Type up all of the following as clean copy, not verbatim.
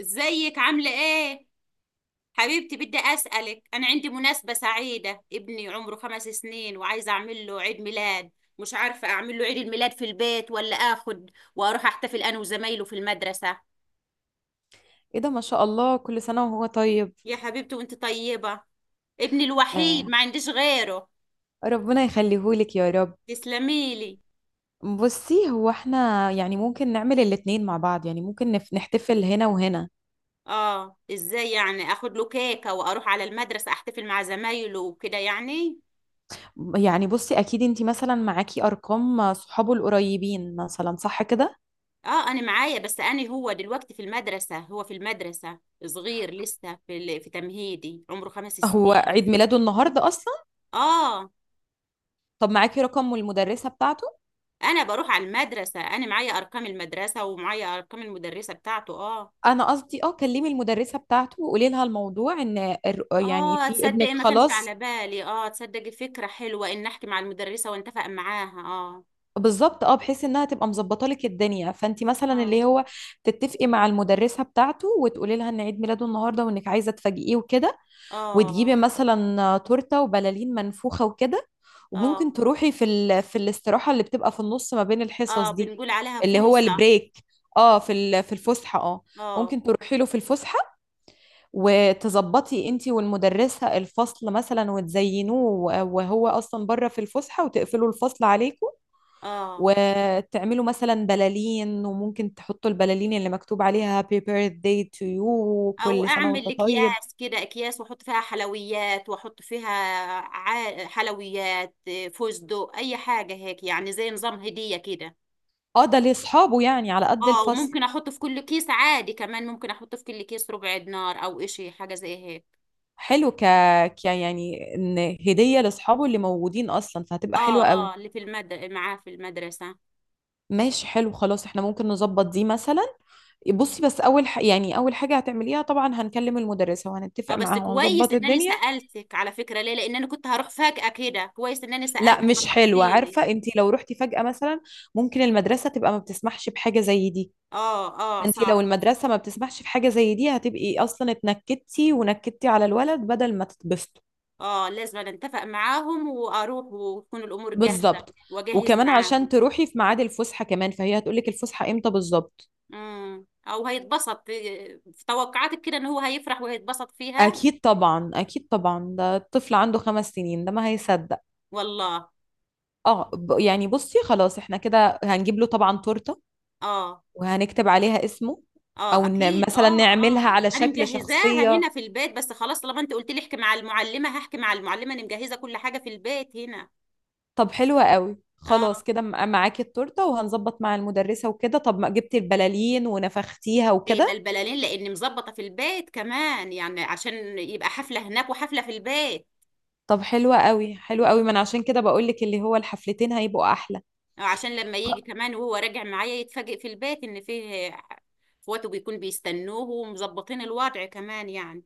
ازيك عاملة ايه؟ حبيبتي، بدي اسألك. انا عندي مناسبة سعيدة. ابني عمره 5 سنين وعايزة اعمل له عيد ميلاد. مش عارفة اعمل له عيد الميلاد في البيت ولا اخد واروح احتفل انا وزمايله في المدرسة. ايه ده، ما شاء الله، كل سنة وهو طيب. يا حبيبتي، وانت طيبة. ابني الوحيد، آه، ما عنديش غيره. ربنا يخليهولك يا رب. تسلميلي. بصي، هو احنا يعني ممكن نعمل الاتنين مع بعض، يعني ممكن نحتفل هنا وهنا. اه، ازاي يعني؟ اخد له كيكة واروح على المدرسة احتفل مع زمايله وكده يعني. يعني بصي، اكيد انتي مثلا معاكي ارقام صحابه القريبين مثلا، صح كده؟ اه، انا معايا، بس انا هو دلوقتي في المدرسه، هو في المدرسه صغير لسه في في تمهيدي، عمره خمس هو سنين عيد ميلاده النهارده اصلا؟ اه، طب معاكي رقم المدرسة بتاعته؟ انا بروح على المدرسه، انا معايا ارقام المدرسه ومعايا ارقام المدرسه بتاعته، اه. انا قصدي اه كلمي المدرسة بتاعته وقولي لها الموضوع ان يعني اه، في ابنك تصدقي ما كانش على خلاص. بالي، اه، تصدقي، فكره حلوه ان احكي مع المدرسه وانتفق معاها، اه، بالظبط، اه، بحيث انها تبقى مظبطه لك الدنيا، فانت مثلا اه، اللي هو تتفقي مع المدرسه بتاعته وتقولي لها ان عيد ميلاده النهارده وانك عايزه تفاجئيه وكده، وتجيبي اه، مثلا تورته وبلالين منفوخه وكده. وممكن اه، تروحي في في الاستراحه اللي بتبقى في النص ما بين الحصص اه، دي، بنقول عليها اللي هو فرصه، البريك، اه، في في الفسحه. اه، اه، ممكن تروحي له في الفسحه وتظبطي انت والمدرسه الفصل مثلا وتزينوه وهو اصلا بره في الفسحه، وتقفلوا الفصل عليكم اه. وتعملوا مثلا بلالين، وممكن تحطوا البلالين اللي مكتوب عليها happy birthday to you او وكل سنة وانت اعمل طيب. اكياس كده، اكياس واحط فيها حلويات واحط فيها حلويات إيه، فستق، اي حاجه هيك، يعني زي نظام هديه كده. اه ده لاصحابه يعني على قد اه، الفصل. وممكن احط في كل كيس عادي، كمان ممكن احط في كل كيس ربع دينار او اشي حاجه زي هيك. حلو، ك... ك يعني ان هدية لاصحابه اللي موجودين اصلا، فهتبقى اه، حلوة قوي. اه، اللي في المد معاه في المدرسه. ماشي، حلو، خلاص احنا ممكن نظبط دي مثلا. بصي، بس اول يعني اول حاجة هتعمليها طبعا هنكلم المدرسة اه، وهنتفق بس معاها كويس وهنظبط انني الدنيا. سالتك، على فكره، ليه؟ لان انا كنت هروح فجاه كده. كويس انني لا، سالتك مش حلوة، نصحتيني. عارفة انت لو رحتي فجأة مثلا ممكن المدرسة تبقى ما بتسمحش بحاجة زي دي. اه، اه، فانت صح. لو المدرسه ما بتسمحش في حاجه زي دي، هتبقي اصلا اتنكدتي ونكدتي على الولد بدل ما تتبسطوا. اه، لازم أنا اتفق معاهم واروح وتكون الامور جاهزه. بالظبط. واجهز وكمان عشان معاهم. تروحي في ميعاد الفسحه، كمان فهي هتقولك الفسحه امتى بالظبط. او هيتبسط إيه، في توقعاتك كده ان هو هيفرح وهيتبسط فيها؟ اكيد طبعا، اكيد طبعا، ده الطفل عنده 5 سنين، ده ما هيصدق. والله، اه، يعني بصي، خلاص احنا كده هنجيب له طبعا تورته اه، وهنكتب عليها اسمه. اه. او اكيد، مثلا اه، نعملها اه، على انا شكل مجهزاها شخصيه. هنا في البيت، بس خلاص طالما انت قلت لي احكي مع المعلمه هحكي مع المعلمه. انا مجهزه كل حاجه في البيت هنا. طب حلوة قوي، اه. خلاص كده معاكي التورتة وهنظبط مع المدرسة وكده. طب ما جبتي البلالين ونفختيها جايبه وكده. البلالين لاني مظبطه في البيت كمان، يعني عشان يبقى حفله هناك وحفله في البيت. طب حلوة قوي حلوة قوي، ما انا عشان كده بقولك اللي هو الحفلتين هيبقوا احلى. عشان لما يجي خ- كمان وهو راجع معايا يتفاجئ في البيت ان فيه اخواته بيكون بيستنوه ومظبطين الوضع كمان يعني.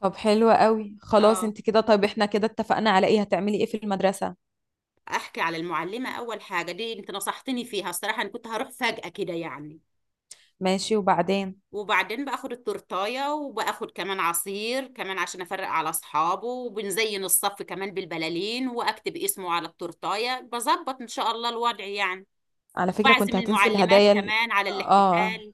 طب حلوة قوي، خلاص اه. انت كده طيب. احنا كده اتفقنا على ايه؟ هتعملي ايه في المدرسة؟ احكي على المعلمة اول حاجة، دي انت نصحتني فيها الصراحة، انا كنت هروح فجأة كده يعني. ماشي، وبعدين؟ وبعدين باخد التورتاية وباخد كمان عصير كمان عشان افرق على اصحابه، وبنزين الصف كمان بالبلالين، واكتب اسمه على التورتاية بظبط ان شاء الله الوضع يعني. على فكرة كنت بعزم هتنسي المعلمات الهدايا. كمان على اه، الاحتفال.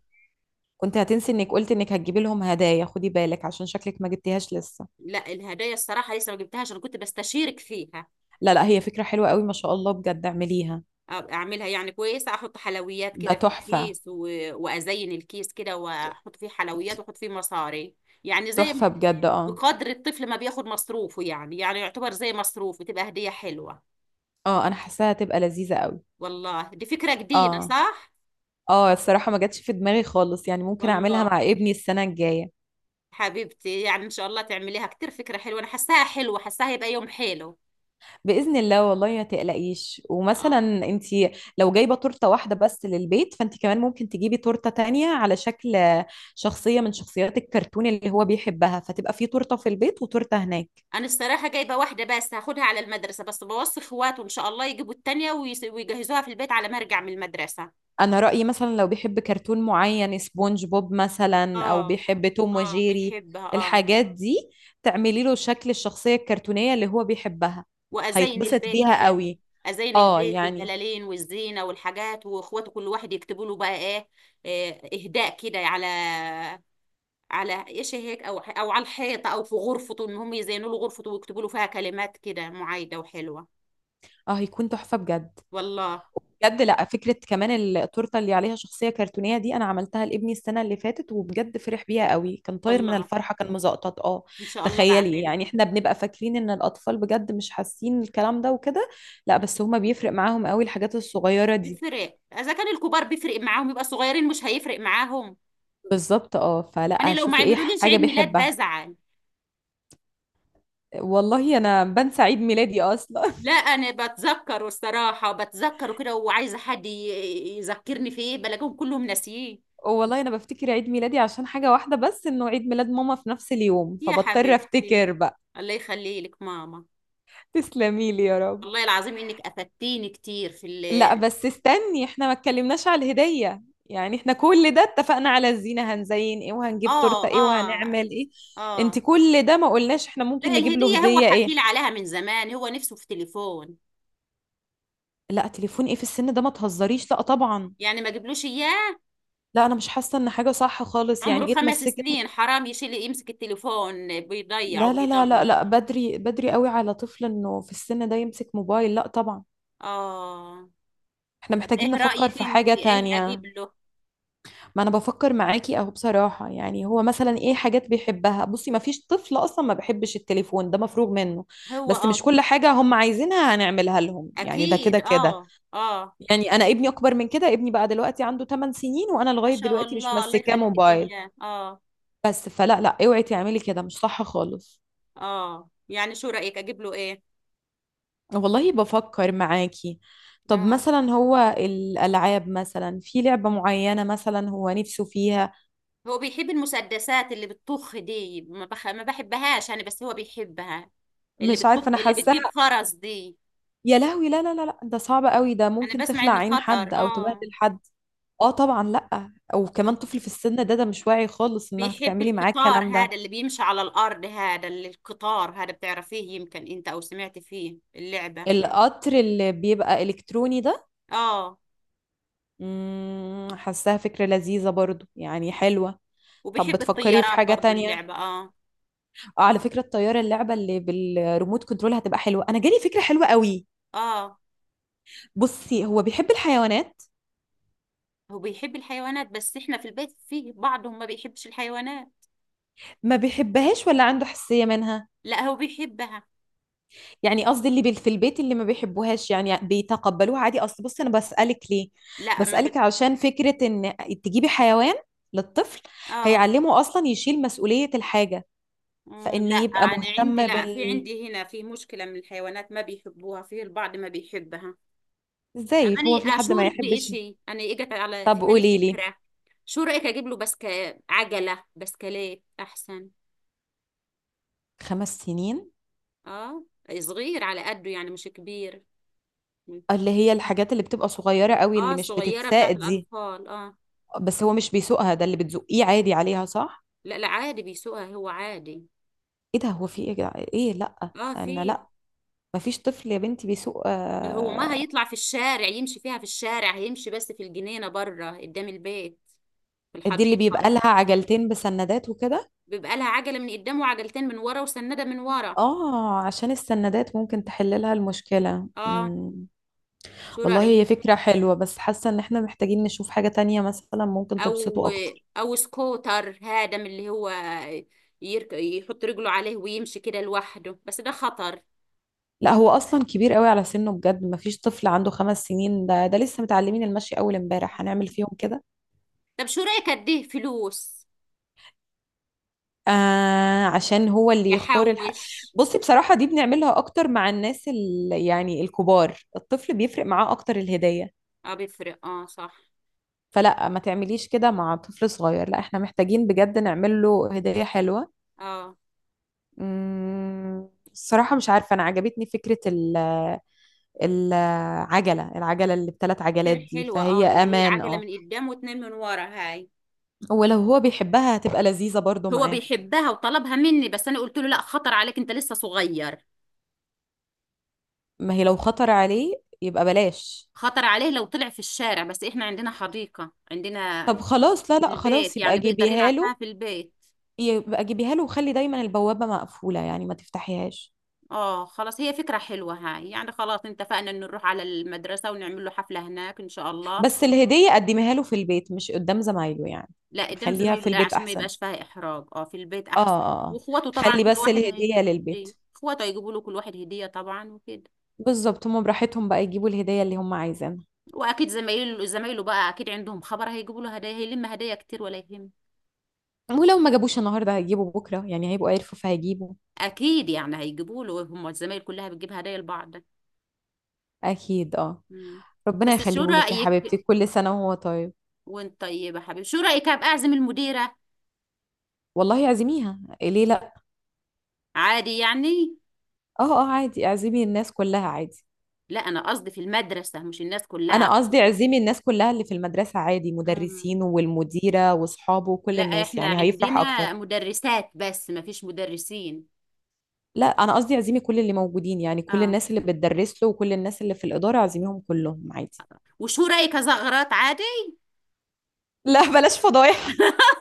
كنت هتنسي انك قلت انك هتجيبي لهم هدايا، خدي بالك عشان شكلك ما جبتيهاش لسه. لا، الهدايا الصراحة لسه ما جبتهاش، أنا كنت بستشيرك فيها. لا لا، هي فكرة حلوة قوي، ما شاء الله، بجد اعمليها. أعملها يعني كويسة؟ أحط حلويات ده كده في تحفة، الكيس، و... وأزين الكيس كده وأحط فيه حلويات وأحط فيه مصاري، يعني زي، تحفة بجد. اه بقدر الطفل ما بياخد مصروفه، يعني يعتبر زي مصروفه، تبقى هدية حلوة. اه، انا حاساها هتبقى لذيذة قوي. والله دي فكرة جديدة، اه صح؟ اه، الصراحة ما جاتش في دماغي خالص، يعني ممكن اعملها والله. مع ابني السنة الجاية حبيبتي، يعني إن شاء الله تعمليها كتير، فكرة حلوة، أنا حاساها حلوة، حاساها هيبقى يوم حلو. بإذن الله. والله ما تقلقيش. ومثلا اه. انتي لو جايبة تورتة واحدة بس للبيت، فانتي كمان ممكن تجيبي تورتة تانية على شكل شخصية من شخصيات الكرتون اللي هو بيحبها، فتبقى في تورتة في البيت وتورتة هناك. انا الصراحه جايبه واحده بس هاخدها على المدرسه، بس بوصي اخواته ان شاء الله يجيبوا التانية ويجهزوها في البيت على ما ارجع من المدرسه. انا رأيي مثلا لو بيحب كرتون معين، سبونج بوب مثلا، او اه، بيحب توم اه، وجيري، بيحبها، اه. الحاجات دي، تعملي له شكل الشخصية الكرتونية اللي هو بيحبها، وازين هيتبسط البيت بيها كده. قوي. ازين اه، البيت يعني بالبلالين والزينه والحاجات، واخواته كل واحد يكتبوا له بقى ايه، إيه، اهداء كده على على ايش هيك، او على الحيطه او في غرفته، ان هم يزينوا له غرفته ويكتبوا له فيها كلمات كده معايده وحلوه. اه هيكون تحفة بجد. والله. بجد، لا، فكرة كمان التورتة اللي عليها شخصية كرتونية دي انا عملتها لابني السنة اللي فاتت وبجد فرح بيها قوي، كان طاير من والله الفرحة، كان مزقطط. اه، ان شاء الله تخيلي، بعملها. يعني احنا بنبقى فاكرين ان الاطفال بجد مش حاسين الكلام ده وكده. لا، بس هما بيفرق معاهم قوي الحاجات الصغيرة دي. بتفرق، اذا كان الكبار بيفرق معاهم يبقى الصغيرين مش هيفرق معاهم؟ بالظبط، اه، انا فلا لو ما شوفي ايه عملوليش حاجة عيد ميلاد بيحبها. بزعل. والله انا بنسى عيد ميلادي اصلا. لا، انا بتذكره الصراحه، بتذكره كده، وعايزه حد يذكرني في ايه، بلاقيهم كلهم ناسيين. والله انا بفتكر عيد ميلادي عشان حاجة واحدة بس، انه عيد ميلاد ماما في نفس اليوم، يا فبضطر حبيبتي. افتكر بقى. الله يخلي لك ماما. تسلمي لي يا رب. والله العظيم انك افدتيني كتير في لا ال بس استني، احنا ما اتكلمناش على الهدية. يعني احنا كل ده اتفقنا على الزينة هنزين ايه، اه، وهنجيب تورتة ايه، اه، وهنعمل ايه. انت اه. كل ده ما قلناش احنا ممكن لا، نجيب له الهديه هو هدية حكي لي ايه. عليها من زمان، هو نفسه في تليفون. لا تليفون ايه في السن ده، ما تهزريش، لا طبعا. يعني ما جبلوش اياه. لا انا مش حاسه ان حاجه صح خالص، عمره يعني ايه خمس اتمسكت؟ سنين حرام يشيل يمسك التليفون، بيضيع لا لا لا لا وبيدمر. لا، بدري بدري قوي على طفل انه في السن ده يمسك موبايل، لا طبعا. اه. احنا طب محتاجين ايه نفكر رأيك؟ في انت حاجة ايه تانية. اجيب له؟ ما انا بفكر معاكي اهو بصراحة. يعني هو مثلا ايه حاجات بيحبها؟ بصي، ما فيش طفل اصلا ما بيحبش التليفون ده، مفروغ منه. هو، بس اه، مش كل حاجة هم عايزينها هنعملها لهم يعني، ده كده اكيد، كده. اه، اه. يعني انا ابني اكبر من كده، ابني بقى دلوقتي عنده 8 سنين، وانا ما لغاية شاء دلوقتي مش الله، الله ماسكاه يخلي لك موبايل. اياه، اه. بس فلا لا، اوعي تعملي كده، مش صح خالص. اه، يعني شو رأيك اجيب له ايه؟ والله بفكر معاكي. طب اه، مثلا هو الألعاب، مثلا في لعبة معينة مثلا هو نفسه فيها؟ هو بيحب المسدسات اللي بتطخ دي، ما بحبهاش انا، بس هو بيحبها. اللي مش بتطخ، عارفة، أنا اللي بتجيب حاساها. خرز دي. يا لهوي، لا لا لا لا، ده صعب قوي، ده انا ممكن بسمع تخلع انه عين خطر، حد أو اه. تبهدل حد. اه طبعا، لا، وكمان مم. طفل في السن ده، ده مش واعي خالص انك بيحب تعملي معاه القطار الكلام ده. هذا اللي بيمشي على الارض، هذا اللي، القطار هذا بتعرفيه يمكن انت او سمعت فيه اللعبة. القطر اللي بيبقى إلكتروني ده؟ اه، حاساها فكرة لذيذة برضو، يعني حلوة. طب وبيحب بتفكري في الطيارات حاجة برضو تانية؟ اللعبة، اه. اه على فكرة، الطيارة اللعبة اللي بالريموت كنترول هتبقى حلوة، أنا جالي فكرة حلوة قوي. اه، بصي، هو بيحب الحيوانات؟ هو بيحب الحيوانات، بس احنا في البيت فيه بعضهم ما بيحبش الحيوانات. ما بيحبهاش ولا عنده حساسية منها؟ لا، هو بيحبها. يعني قصدي اللي في البيت اللي ما بيحبوهاش، يعني بيتقبلوها عادي؟ أصل بصي أنا بسألك ليه، لا ما بسألك بت... عشان فكرة إن تجيبي حيوان للطفل، اه، هيعلمه أصلا يشيل مسؤولية الحاجة، فإن لا يبقى انا عندي، مهتم لا في بال... عندي هنا في مشكلة من الحيوانات، ما بيحبوها في البعض، ما بيحبها. أنا إزاي هو في حد ما أشورك يحبش؟ بإشي، أنا إجت على طب في بالي قولي لي. فكرة. شو رأيك أجيب له عجلة، بسكليت أحسن. 5 سنين؟ آه. صغير على قده يعني، مش كبير. اللي هي الحاجات اللي بتبقى صغيرة قوي اللي آه، مش صغيرة بتاعت بتتساقط دي؟ الأطفال، آه. بس هو مش بيسوقها، ده اللي بتزقيه عادي عليها، صح؟ لا، لا، عادي بيسوقها هو، عادي. ايه ده، هو في ايه يا جدع؟ ايه، لا اه، انا في. لا، مفيش طفل يا بنتي بيسوق. ده هو ما آه، هيطلع في الشارع يمشي فيها، في الشارع هيمشي بس في الجنينة بره قدام البيت. في دي اللي الحديقة. بيبقى لها عجلتين بسندات وكده؟ بيبقى لها عجلة من قدام وعجلتين من ورا وسندة من ورا. اه، عشان السندات ممكن تحل لها المشكلة. اه. مم. شو والله هي رأيك؟ فكرة حلوة، بس حاسة ان احنا محتاجين نشوف حاجة تانية مثلا ممكن تبسطه او اكتر. او سكوتر هذا من اللي هو يحط رجله عليه ويمشي كده لوحده، بس ده خطر. لا هو اصلا كبير قوي على سنه، بجد مفيش طفل عنده 5 سنين، ده ده لسه متعلمين المشي اول امبارح هنعمل فيهم كده. طب شو رأيك اديه فلوس آه، عشان هو اللي يختار الحق. يحوش؟ بصي بصراحة، دي بنعملها أكتر مع الناس يعني الكبار، الطفل بيفرق معاه أكتر الهدية. اه، بيفرق، اه، صح. فلا ما تعمليش كده مع طفل صغير، لا احنا محتاجين بجد نعمل له هدية حلوة. اه، الصراحة مش عارفة، أنا عجبتني فكرة العجلة، العجلة اللي بـ3 عجلات كتير دي، حلوة، اه، فهي اللي هي أمان، عجلة اه. من قدام واتنين من ورا هاي. ولو هو بيحبها هتبقى لذيذة برضو هو معاه. بيحبها وطلبها مني، بس انا قلت له لا، خطر عليك انت لسه صغير. ما هي لو خطر عليه يبقى بلاش. خطر عليه لو طلع في الشارع، بس احنا عندنا حديقة، عندنا طب خلاص، لا في لا، البيت خلاص يبقى يعني بيقدر يلعب جيبيها فيها له. في البيت. يبقى جيبيها له وخلي دايما البوابة مقفولة، يعني ما تفتحيهاش. اه، خلاص، هي فكرة حلوة هاي. يعني خلاص اتفقنا ان نروح على المدرسة ونعمل له حفلة هناك ان شاء الله. بس الهدية قدميها له في البيت، مش قدام زمايله يعني. لا، قدام خليها في زمايله لا، البيت عشان ما أحسن. يبقاش فيها احراج، اه، في البيت اه احسن. اه، آه. واخواته طبعا خلي كل بس واحد الهدية هيجيب له للبيت. هدية، اخواته هيجيبوا له كل واحد هدية طبعا وكده. بالظبط، هم براحتهم بقى يجيبوا الهدية اللي هم عايزينها. واكيد زمايله بقى اكيد عندهم خبر هيجيبوا له هدايا، هيلم هدايا كتير ولا يهم. ولو ما جابوش النهاردة هيجيبوا بكرة، يعني هيبقوا عرفوا فهيجيبوا. اكيد يعني هيجيبوا له، هم الزمايل كلها بتجيب هدايا لبعض. أكيد. اه، مم. ربنا بس شو يخليهولك يا حبيبتي، رايك؟ كل سنة وهو طيب. وانت طيب يا حبيبي. شو رايك ابقى اعزم المديره؟ والله اعزميها، ليه لا. عادي يعني. اه اه، عادي، اعزمي الناس كلها عادي. لا، انا قصدي في المدرسه مش الناس كلها. انا قصدي عزمي الناس كلها اللي في المدرسة عادي، مم. مدرسين والمديرة واصحابه وكل لا، الناس، احنا يعني هيفرح اكتر. عندنا مدرسات بس ما فيش مدرسين. لا انا قصدي عزمي كل اللي موجودين، يعني كل اه، الناس اللي بتدرس له وكل الناس اللي في الإدارة عزميهم كلهم عادي. وشو رايك ازغرات عادي؟ لا بلاش فضايح.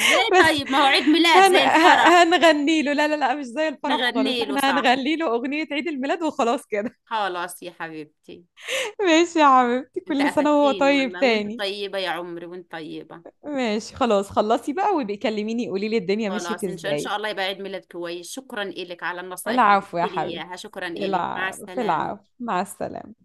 ليه؟ بس طيب ما هو عيد ميلاد زي الفرح. هنغني له، لا لا لا، مش زي الفرح نغني خالص، له، احنا صح. هنغني له أغنية عيد الميلاد وخلاص كده. خلاص يا حبيبتي. ماشي يا حبيبتي، انت كل سنة وهو قفدتيني طيب والله، وانت تاني. طيبة يا عمري، وانت طيبة. ماشي خلاص، خلصي بقى وبيكلميني قولي لي الدنيا مشيت خلاص، ان شاء ان ازاي. شاء الله يبقى عيد ميلاد كويس. شكرا إلك على النصائح اللي العفو يا قلت لي حبيبتي. اياها، شكرا إلك، مع العب في السلامة. العب، مع السلامة.